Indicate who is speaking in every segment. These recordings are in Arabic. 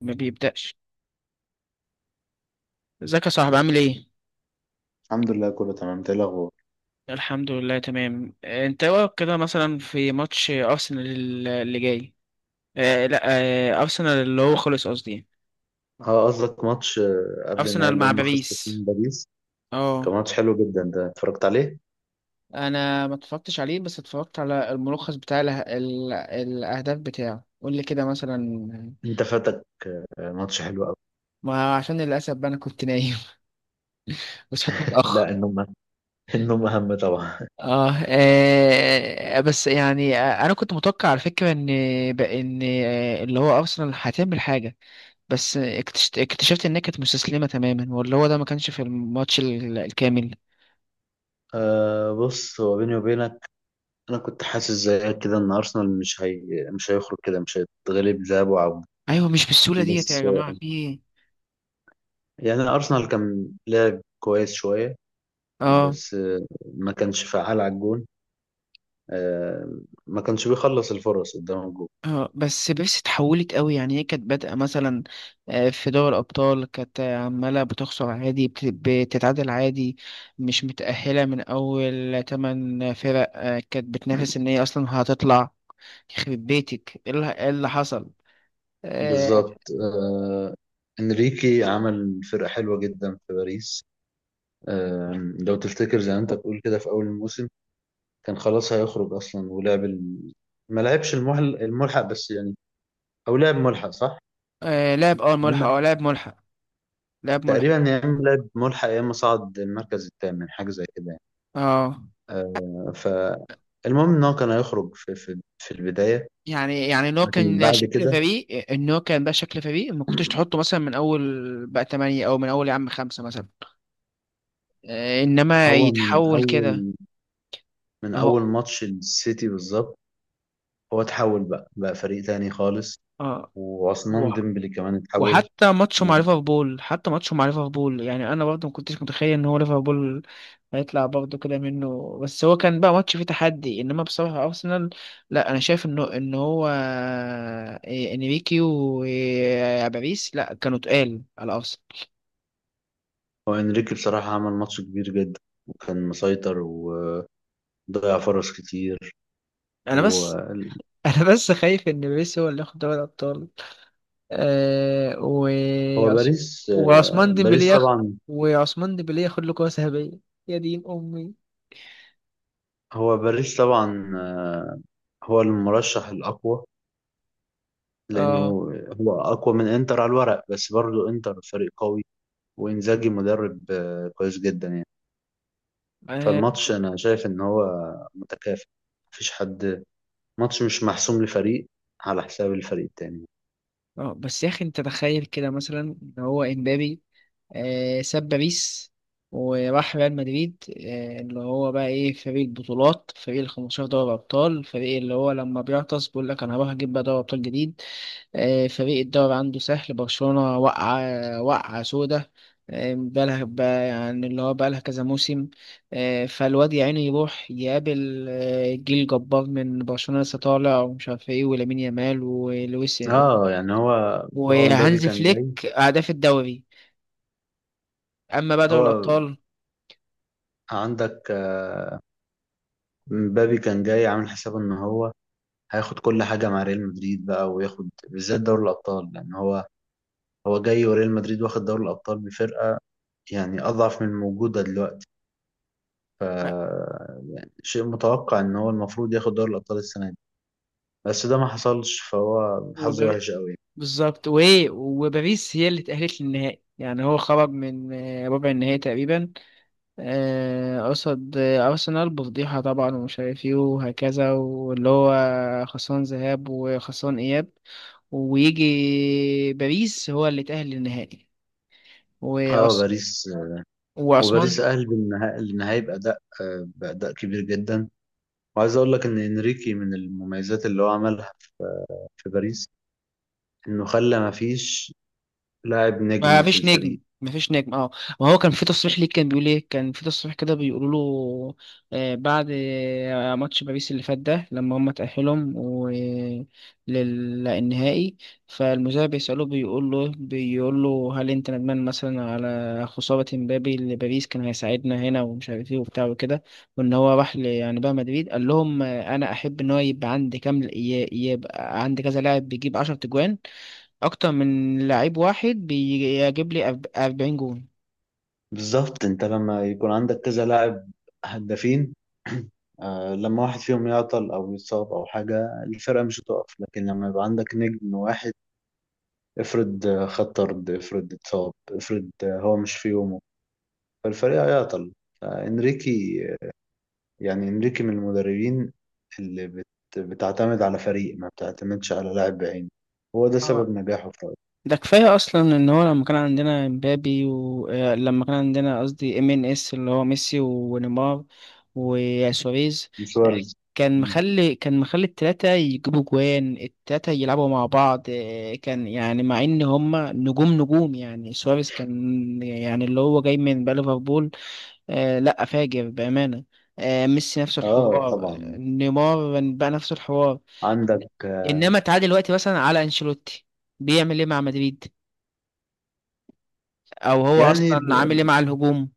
Speaker 1: ما بيبدأش. ازيك يا صاحبي عامل ايه؟
Speaker 2: الحمد لله، كله تمام. إنت إيه الاخبار؟
Speaker 1: الحمد لله تمام. انت إيه رأيك كده مثلا في ماتش ارسنال اللي جاي؟ آه لا آه ارسنال اللي هو خلص، قصدي
Speaker 2: اه، قصدك ماتش قبل النهائي
Speaker 1: ارسنال
Speaker 2: اللي
Speaker 1: مع
Speaker 2: هم خسروا فيه
Speaker 1: باريس.
Speaker 2: من باريس. كان
Speaker 1: اه،
Speaker 2: ماتش حلو جدا ده، اتفرجت عليه.
Speaker 1: انا ما اتفرجتش عليه بس اتفرجت على الملخص بتاع الاهداف بتاعه. قول لي كده مثلا.
Speaker 2: انت فاتك. ماتش حلو قوي.
Speaker 1: ما عشان للاسف بقى انا كنت نايم وصحيت متاخر.
Speaker 2: لا، النوم. النوم اهم طبعا.
Speaker 1: آه, آه بس يعني آه، أنا كنت متوقع على فكرة إن بقى إن آه اللي هو أرسنال هتعمل حاجة، بس اكتشفت، انها كانت مستسلمه تماما، واللي هو ده ما كانش في الماتش الكامل.
Speaker 2: بص، هو بيني وبينك، انا كنت حاسس زيك كده ان ارسنال مش هي. مش هيخرج كده، مش هيتغلب ذهاب وعودة.
Speaker 1: ايوه، مش بالسهوله ديت يا
Speaker 2: بس
Speaker 1: جماعه، في ايه؟
Speaker 2: يعني ارسنال كان لعب كويس شوية،
Speaker 1: اه.
Speaker 2: بس ما كانش فعال على الجون. آه، ما كانش بيخلص الفرص قدام الجون.
Speaker 1: اه بس اتحولت قوي، يعني هي كانت بادئه مثلا في دوري الابطال، كانت عماله بتخسر عادي، بتتعادل عادي، مش متاهله من اول تمن فرق. كانت بتنافس ان هي اصلا هتطلع. يخرب بيتك، ايه اللي إيه اللي حصل؟ آه.
Speaker 2: بالظبط. انريكي عمل فرقة حلوة جدا في باريس. آه، لو تفتكر زي ما انت بتقول كده، في اول الموسم كان خلاص هيخرج اصلا، ولعب ما لعبش الملحق بس يعني. او لعب ملحق، صح؟
Speaker 1: آه لعب، اه
Speaker 2: يا
Speaker 1: ملحق،
Speaker 2: اما
Speaker 1: اه لعب ملحق، لعب ملحق.
Speaker 2: تقريبا، يا اما لعب ملحق، يا اما صعد المركز الثامن، حاجة زي كده يعني.
Speaker 1: اه،
Speaker 2: فالمهم ان هو كان هيخرج في البداية.
Speaker 1: يعني
Speaker 2: لكن بعد كده
Speaker 1: ان هو كان بقى شكل فريق ما كنتش تحطه مثلا من اول بقى تمانية او من اول يا عم خمسة مثلا. انما
Speaker 2: هو من
Speaker 1: يتحول
Speaker 2: اول
Speaker 1: كده.
Speaker 2: من
Speaker 1: اهو.
Speaker 2: اول ماتش السيتي بالظبط، هو اتحول بقى فريق تاني خالص.
Speaker 1: اه.
Speaker 2: وعثمان
Speaker 1: و-
Speaker 2: ديمبلي كمان اتحول.
Speaker 1: وحتى ماتشه مع ليفربول، يعني انا برضه ما كنتش متخيل ان هو ليفربول هيطلع برضه كده منه، بس هو كان بقى ماتش فيه تحدي. انما بصراحة ارسنال، لا انا شايف انه ان هو انريكي وباريس لا، كانوا تقال على ارسنال.
Speaker 2: هو انريكي بصراحة عمل ماتش كبير جدا، وكان مسيطر، وضيع فرص كتير.
Speaker 1: انا
Speaker 2: وهو
Speaker 1: بس، انا بس خايف ان ميسي هو اللي ياخد دوري الابطال. آه و عث-
Speaker 2: باريس،
Speaker 1: وعثمان ديمبلي
Speaker 2: باريس
Speaker 1: ياخد،
Speaker 2: طبعا.
Speaker 1: وعثمان ديمبلي ياخد له كرة ذهبية، يا دين امي.
Speaker 2: هو باريس طبعا، هو المرشح الأقوى، لأنه
Speaker 1: اه.
Speaker 2: هو أقوى من إنتر على الورق، بس برضه إنتر فريق قوي، وإنزاجي مدرب كويس جدا يعني.
Speaker 1: اه.
Speaker 2: فالماتش أنا شايف إن هو متكافئ، مفيش حد، ماتش مش محسوم لفريق على حساب الفريق التاني.
Speaker 1: بس يا اخي انت تخيل كده مثلا ان هو امبابي آه ساب باريس وراح ريال مدريد، آه اللي هو بقى ايه، فريق البطولات، فريق ال 15 دوري ابطال، فريق اللي هو لما بيعطس بيقول لك انا هروح اجيب بقى دوري ابطال جديد. فريق الدوري عنده سهل. برشلونة وقعة، وقعة سودة. آه، بقالها بقى يعني اللي هو بقالها كذا موسم. فالواد يا عيني يروح يقابل جيل جبار من برشلونة لسه طالع، ومش عارف ايه، ولامين يامال ولويس
Speaker 2: اه يعني هو، هو مبابي
Speaker 1: وهانز
Speaker 2: كان جاي.
Speaker 1: فليك، أهداف الدوري. أما بقى دوري
Speaker 2: هو
Speaker 1: الأبطال،
Speaker 2: عندك، مبابي كان جاي عامل حسابه ان هو هياخد كل حاجه مع ريال مدريد بقى، وياخد بالذات دوري الابطال، لان هو، هو جاي وريال مدريد واخد دوري الابطال بفرقه يعني اضعف من الموجوده دلوقتي. ف
Speaker 1: آه،
Speaker 2: شيء متوقع ان هو المفروض ياخد دوري الابطال السنه دي، بس ده ما حصلش، فهو حظه
Speaker 1: وبار-
Speaker 2: وحش قوي.
Speaker 1: بالظبط. وايه، وباريس هي اللي تأهلت للنهائي. يعني هو خرج من ربع النهائي تقريبا، قصد أرسنال، بفضيحة طبعا ومش عارف ايه وهكذا، واللي هو خسران ذهاب وخسران إياب، ويجي باريس هو اللي تأهل للنهائي.
Speaker 2: اه،
Speaker 1: وأس...
Speaker 2: باريس.
Speaker 1: وعثمان.
Speaker 2: وباريس أهل النهائي بأداء، بأداء كبير جدا. وعايز أقول لك إن إنريكي من المميزات اللي هو عملها في باريس، إنه خلى ما فيش لاعب
Speaker 1: ما
Speaker 2: نجم في
Speaker 1: فيش
Speaker 2: الفريق.
Speaker 1: نجم، ما فيش نجم اه. ما هو كان في تصريح ليه، كان بيقول ايه، كان في تصريح كده بيقولوا له بعد ماتش باريس اللي فات ده، لما هم تأهلهم للنهائي، فالمذيع بيسأله، بيقول له، هل انت ندمان مثلا على خسارة مبابي لباريس، كان هيساعدنا هنا ومش عارف ايه وبتاع وكده؟ وان هو راح، يعني بقى مدريد، قال لهم انا احب ان هو يبقى عندي كام، يبقى عندي كذا لاعب بيجيب 10 تجوان، اكتر من لعيب واحد بيجيب لي 40 جون.
Speaker 2: بالظبط. أنت لما يكون عندك كذا لاعب هدافين، لما واحد فيهم يعطل أو يتصاب أو حاجة، الفرقة مش هتقف. لكن لما يبقى عندك نجم واحد، افرض خد طرد، افرض اتصاب، افرض هو مش في يومه، فالفريق هيعطل. فإنريكي، يعني انريكي من المدربين اللي بتعتمد على فريق، ما بتعتمدش على لاعب بعينه. هو ده سبب
Speaker 1: اه.
Speaker 2: نجاحه في رأيي.
Speaker 1: ده كفايه اصلا ان هو لما كان عندنا مبابي، ولما كان عندنا قصدي ام ان اس اللي هو ميسي ونيمار وسواريز. آه،
Speaker 2: سواريز.
Speaker 1: كان
Speaker 2: مم.
Speaker 1: مخلي، كان مخلي التلاتة يجيبوا جوان، التلاتة يلعبوا مع بعض. كان يعني مع ان هما نجوم، نجوم يعني. سواريز كان يعني اللي هو جاي من بقى ليفربول، لا فاجر بأمانة. ميسي نفس
Speaker 2: اه
Speaker 1: الحوار،
Speaker 2: طبعا.
Speaker 1: نيمار بقى نفس الحوار.
Speaker 2: عندك
Speaker 1: انما تعالى دلوقتي مثلا على انشيلوتي، بيعمل ايه مع مدريد؟ او هو
Speaker 2: يعني،
Speaker 1: اصلا عامل ايه مع الهجوم؟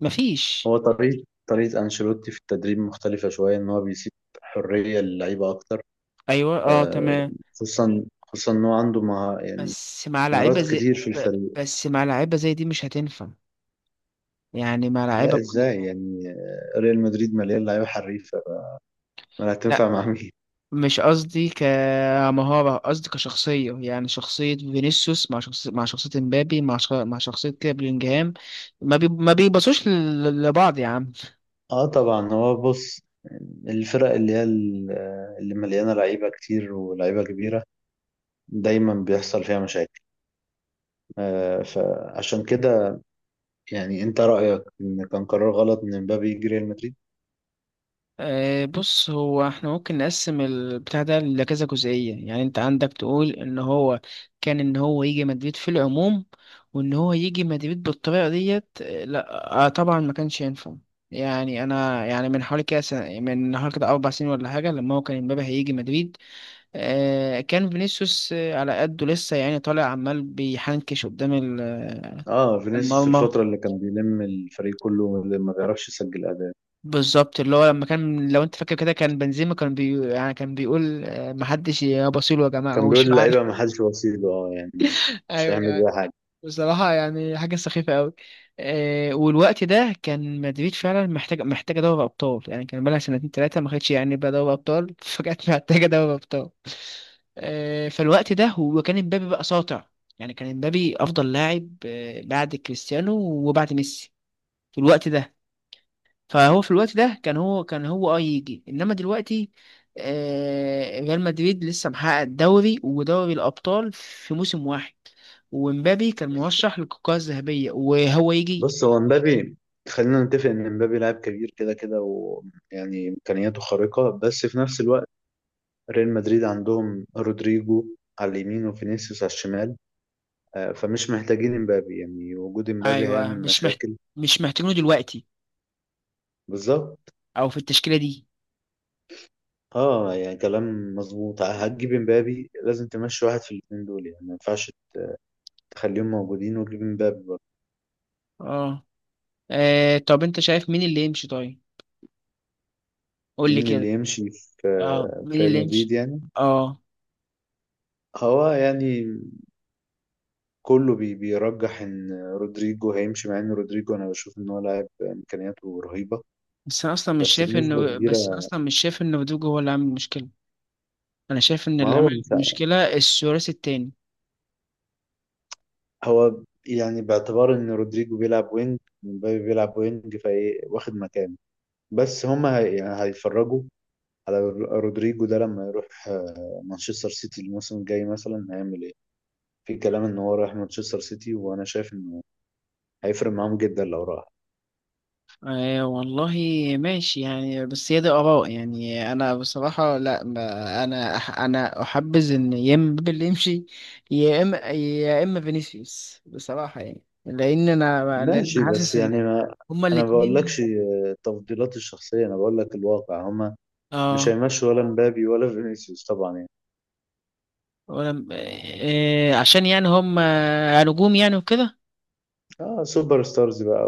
Speaker 1: مفيش.
Speaker 2: هو طريقة أنشيلوتي في التدريب مختلفة شوية، إن هو بيسيب حرية للعيبة أكتر.
Speaker 1: ايوه اه
Speaker 2: آه،
Speaker 1: تمام.
Speaker 2: خصوصا إن هو عنده يعني
Speaker 1: بس مع لعيبه
Speaker 2: مهارات
Speaker 1: زي
Speaker 2: كتير في الفريق.
Speaker 1: بس مع لعيبه زي دي مش هتنفع، يعني مع
Speaker 2: لا،
Speaker 1: لعيبه كل.
Speaker 2: إزاي يعني؟ ريال مدريد مليان لعيبة حريفة. ما
Speaker 1: لا
Speaker 2: هتنفع مع مين؟
Speaker 1: مش قصدي كمهارة، قصدي كشخصية، يعني شخصية فينيسيوس مع شخصية، مع شخصية مبابي، مع شخصية كده بلينجهام، ما بيبصوش لبعض يا عم.
Speaker 2: اه طبعا. هو بص، الفرق اللي هي اللي مليانه لعيبه كتير ولعيبه كبيره، دايما بيحصل فيها مشاكل. آه، فعشان كده يعني انت رايك ان كان قرار غلط ان مبابي يجي ريال مدريد؟
Speaker 1: بص، هو احنا ممكن نقسم البتاع ده لكذا جزئية. يعني انت عندك تقول ان هو كان ان هو يجي مدريد في العموم، وان هو يجي مدريد بالطريقة ديت. لا طبعا ما كانش ينفع. يعني انا يعني من حوالي كده سنة، من حوالي كده اربع سنين ولا حاجة، لما هو كان امبابي هيجي مدريد، كان فينيسيوس على قده لسه يعني، طالع عمال بيحنكش قدام
Speaker 2: اه فينيسيوس،
Speaker 1: المرمى.
Speaker 2: الفتره اللي كان بيلم الفريق كله، اللي ما بيعرفش يسجل اداء.
Speaker 1: بالظبط اللي هو لما كان، لو انت فاكر كده، كان بنزيما كان بي يعني كان بيقول محدش يبصيله يا جماعه،
Speaker 2: كان
Speaker 1: هو
Speaker 2: بيقول
Speaker 1: مش معانا
Speaker 2: للعيبه ما حدش وسيله، اه يعني مش
Speaker 1: ايوه
Speaker 2: هيعمل
Speaker 1: يعني.
Speaker 2: بيها حاجه.
Speaker 1: بصراحه يعني حاجه سخيفه قوي. والوقت ده كان مدريد فعلا محتاج، محتاجه دوري ابطال. يعني كان بقالها سنتين ثلاثه ما خدتش يعني بقى دوري ابطال فجأة محتاجه دوري ابطال. فالوقت ده هو كان امبابي بقى ساطع. يعني كان امبابي افضل لاعب بعد كريستيانو وبعد ميسي في الوقت ده. فهو في الوقت ده كان هو يجي. انما دلوقتي ريال مدريد لسه محقق الدوري ودوري الابطال في موسم واحد، ومبابي كان مرشح للكرة الذهبية وهو يجي.
Speaker 2: بص، هو مبابي، خلينا نتفق ان مبابي لاعب كبير كده كده ويعني امكانياته خارقه، بس في نفس الوقت ريال مدريد عندهم رودريجو على اليمين وفينيسيوس على الشمال. فمش محتاجين امبابي، يعني وجود امبابي
Speaker 1: ايوه
Speaker 2: هيعمل مشاكل.
Speaker 1: مش محتاجينه دلوقتي،
Speaker 2: بالظبط.
Speaker 1: او في التشكيلة دي.
Speaker 2: اه يعني كلام مظبوط. هتجيب امبابي لازم تمشي واحد في الاثنين دول، يعني ما ينفعش تخليهم موجودين وتجيب امبابي.
Speaker 1: اه. طب انت شايف مين اللي يمشي طيب؟ قول لي
Speaker 2: مين
Speaker 1: كده.
Speaker 2: اللي يمشي في،
Speaker 1: اه،
Speaker 2: في
Speaker 1: مين
Speaker 2: ريال
Speaker 1: اللي
Speaker 2: مدريد
Speaker 1: يمشي.
Speaker 2: يعني؟
Speaker 1: اه
Speaker 2: هو يعني كله بيرجح ان رودريجو هيمشي، مع ان رودريجو انا بشوف ان هو لاعب امكانياته رهيبة، بس بنسبة
Speaker 1: بس انا
Speaker 2: كبيرة.
Speaker 1: اصلا مش شايف ان رودrigo هو اللي عامل المشكلة. انا شايف ان
Speaker 2: ما
Speaker 1: اللي
Speaker 2: هو
Speaker 1: عامل
Speaker 2: مش،
Speaker 1: المشكلة الثلاثي التاني.
Speaker 2: هو يعني، باعتبار ان رودريجو بيلعب وينج ومبابي بيلعب وينج، فايه واخد مكانه. بس هما هي يعني هيتفرجوا على رودريجو ده لما يروح مانشستر سيتي الموسم الجاي، مثلا هيعمل ايه. في كلام ان هو رايح مانشستر سيتي، وانا شايف انه هيفرق معاهم جدا لو راح.
Speaker 1: آه والله. ماشي يعني، بس هي دي آراء. يعني أنا بصراحة لا، ما أنا أح أنا أحبذ إن يا إما بيل يمشي، يا إما فينيسيوس بصراحة. يعني لأن أنا، لأن
Speaker 2: ماشي، بس
Speaker 1: حاسس إن
Speaker 2: يعني، ما
Speaker 1: هما
Speaker 2: انا ما بقولكش
Speaker 1: الاتنين.
Speaker 2: تفضيلاتي الشخصيه، انا بقول لك الواقع. هما مش
Speaker 1: آه
Speaker 2: هيمشوا، ولا مبابي ولا فينيسيوس طبعا يعني.
Speaker 1: عشان يعني هما نجوم يعني وكده.
Speaker 2: اه، سوبر ستارز بقى.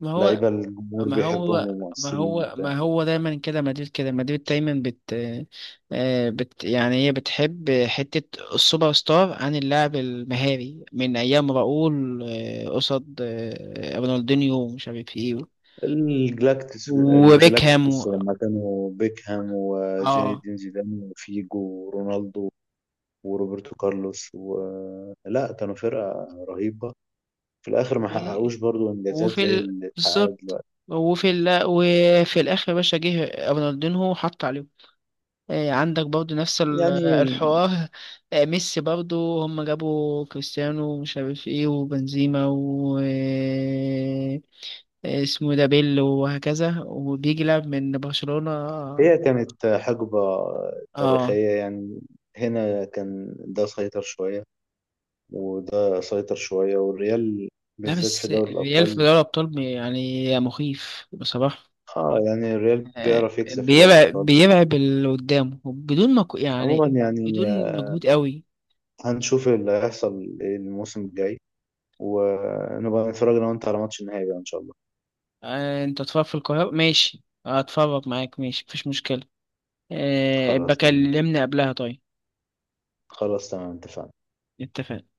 Speaker 1: ما هو
Speaker 2: ولعيبه الجمهور
Speaker 1: ما هو
Speaker 2: بيحبهم ومؤثرين.
Speaker 1: ما هو دايما كده مدريد، كده مدريد دايما بت, آه، بت يعني هي بتحب حتة السوبر ستار عن اللاعب المهاري، من أيام راؤول قصاد رونالدينيو ومش عارف ايه،
Speaker 2: الجلاكتيكوس
Speaker 1: وبيكهام
Speaker 2: الجلاكتيكوس لما كانوا بيكهام وزين
Speaker 1: اه.
Speaker 2: الدين زيدان وفيجو ورونالدو وروبرتو كارلوس لا كانوا فرقة رهيبة. في الآخر ما
Speaker 1: و...
Speaker 2: حققوش برضو إنجازات زي اللي اتحققت
Speaker 1: بالظبط.
Speaker 2: دلوقتي.
Speaker 1: وفي الآخر يا باشا جه رونالدينيو وحط عليهم. إيه، عندك برضو نفس
Speaker 2: يعني
Speaker 1: الحوار. إيه، ميسي برضو هم جابوا كريستيانو ومش عارف ايه وبنزيما، و إيه اسمه ده، بيل، وهكذا، وبيجي لاعب من برشلونة.
Speaker 2: هي كانت حقبة
Speaker 1: اه.
Speaker 2: تاريخية يعني. هنا كان ده سيطر شوية، وده سيطر شوية، والريال
Speaker 1: لا
Speaker 2: بالذات في
Speaker 1: بس
Speaker 2: دوري
Speaker 1: الريال في
Speaker 2: الأبطال.
Speaker 1: دوري الأبطال يعني مخيف بصراحة.
Speaker 2: اه يعني الريال
Speaker 1: إيه،
Speaker 2: بيعرف يكسب في دوري
Speaker 1: بيرعب،
Speaker 2: الأبطال
Speaker 1: بيرعب اللي قدامه بدون ما
Speaker 2: عموما
Speaker 1: يعني،
Speaker 2: يعني.
Speaker 1: بدون مجهود قوي.
Speaker 2: هنشوف اللي هيحصل إيه الموسم الجاي، ونبقى نتفرج انا وانت على ماتش النهائي بقى ان شاء الله.
Speaker 1: انت تتفرج في القاهرة، ماشي اتفرج معاك، ماشي مفيش مشكلة.
Speaker 2: خلاص، تمام.
Speaker 1: بكلمني قبلها طيب.
Speaker 2: خلاص، تمام. اتفقنا.
Speaker 1: اتفقنا.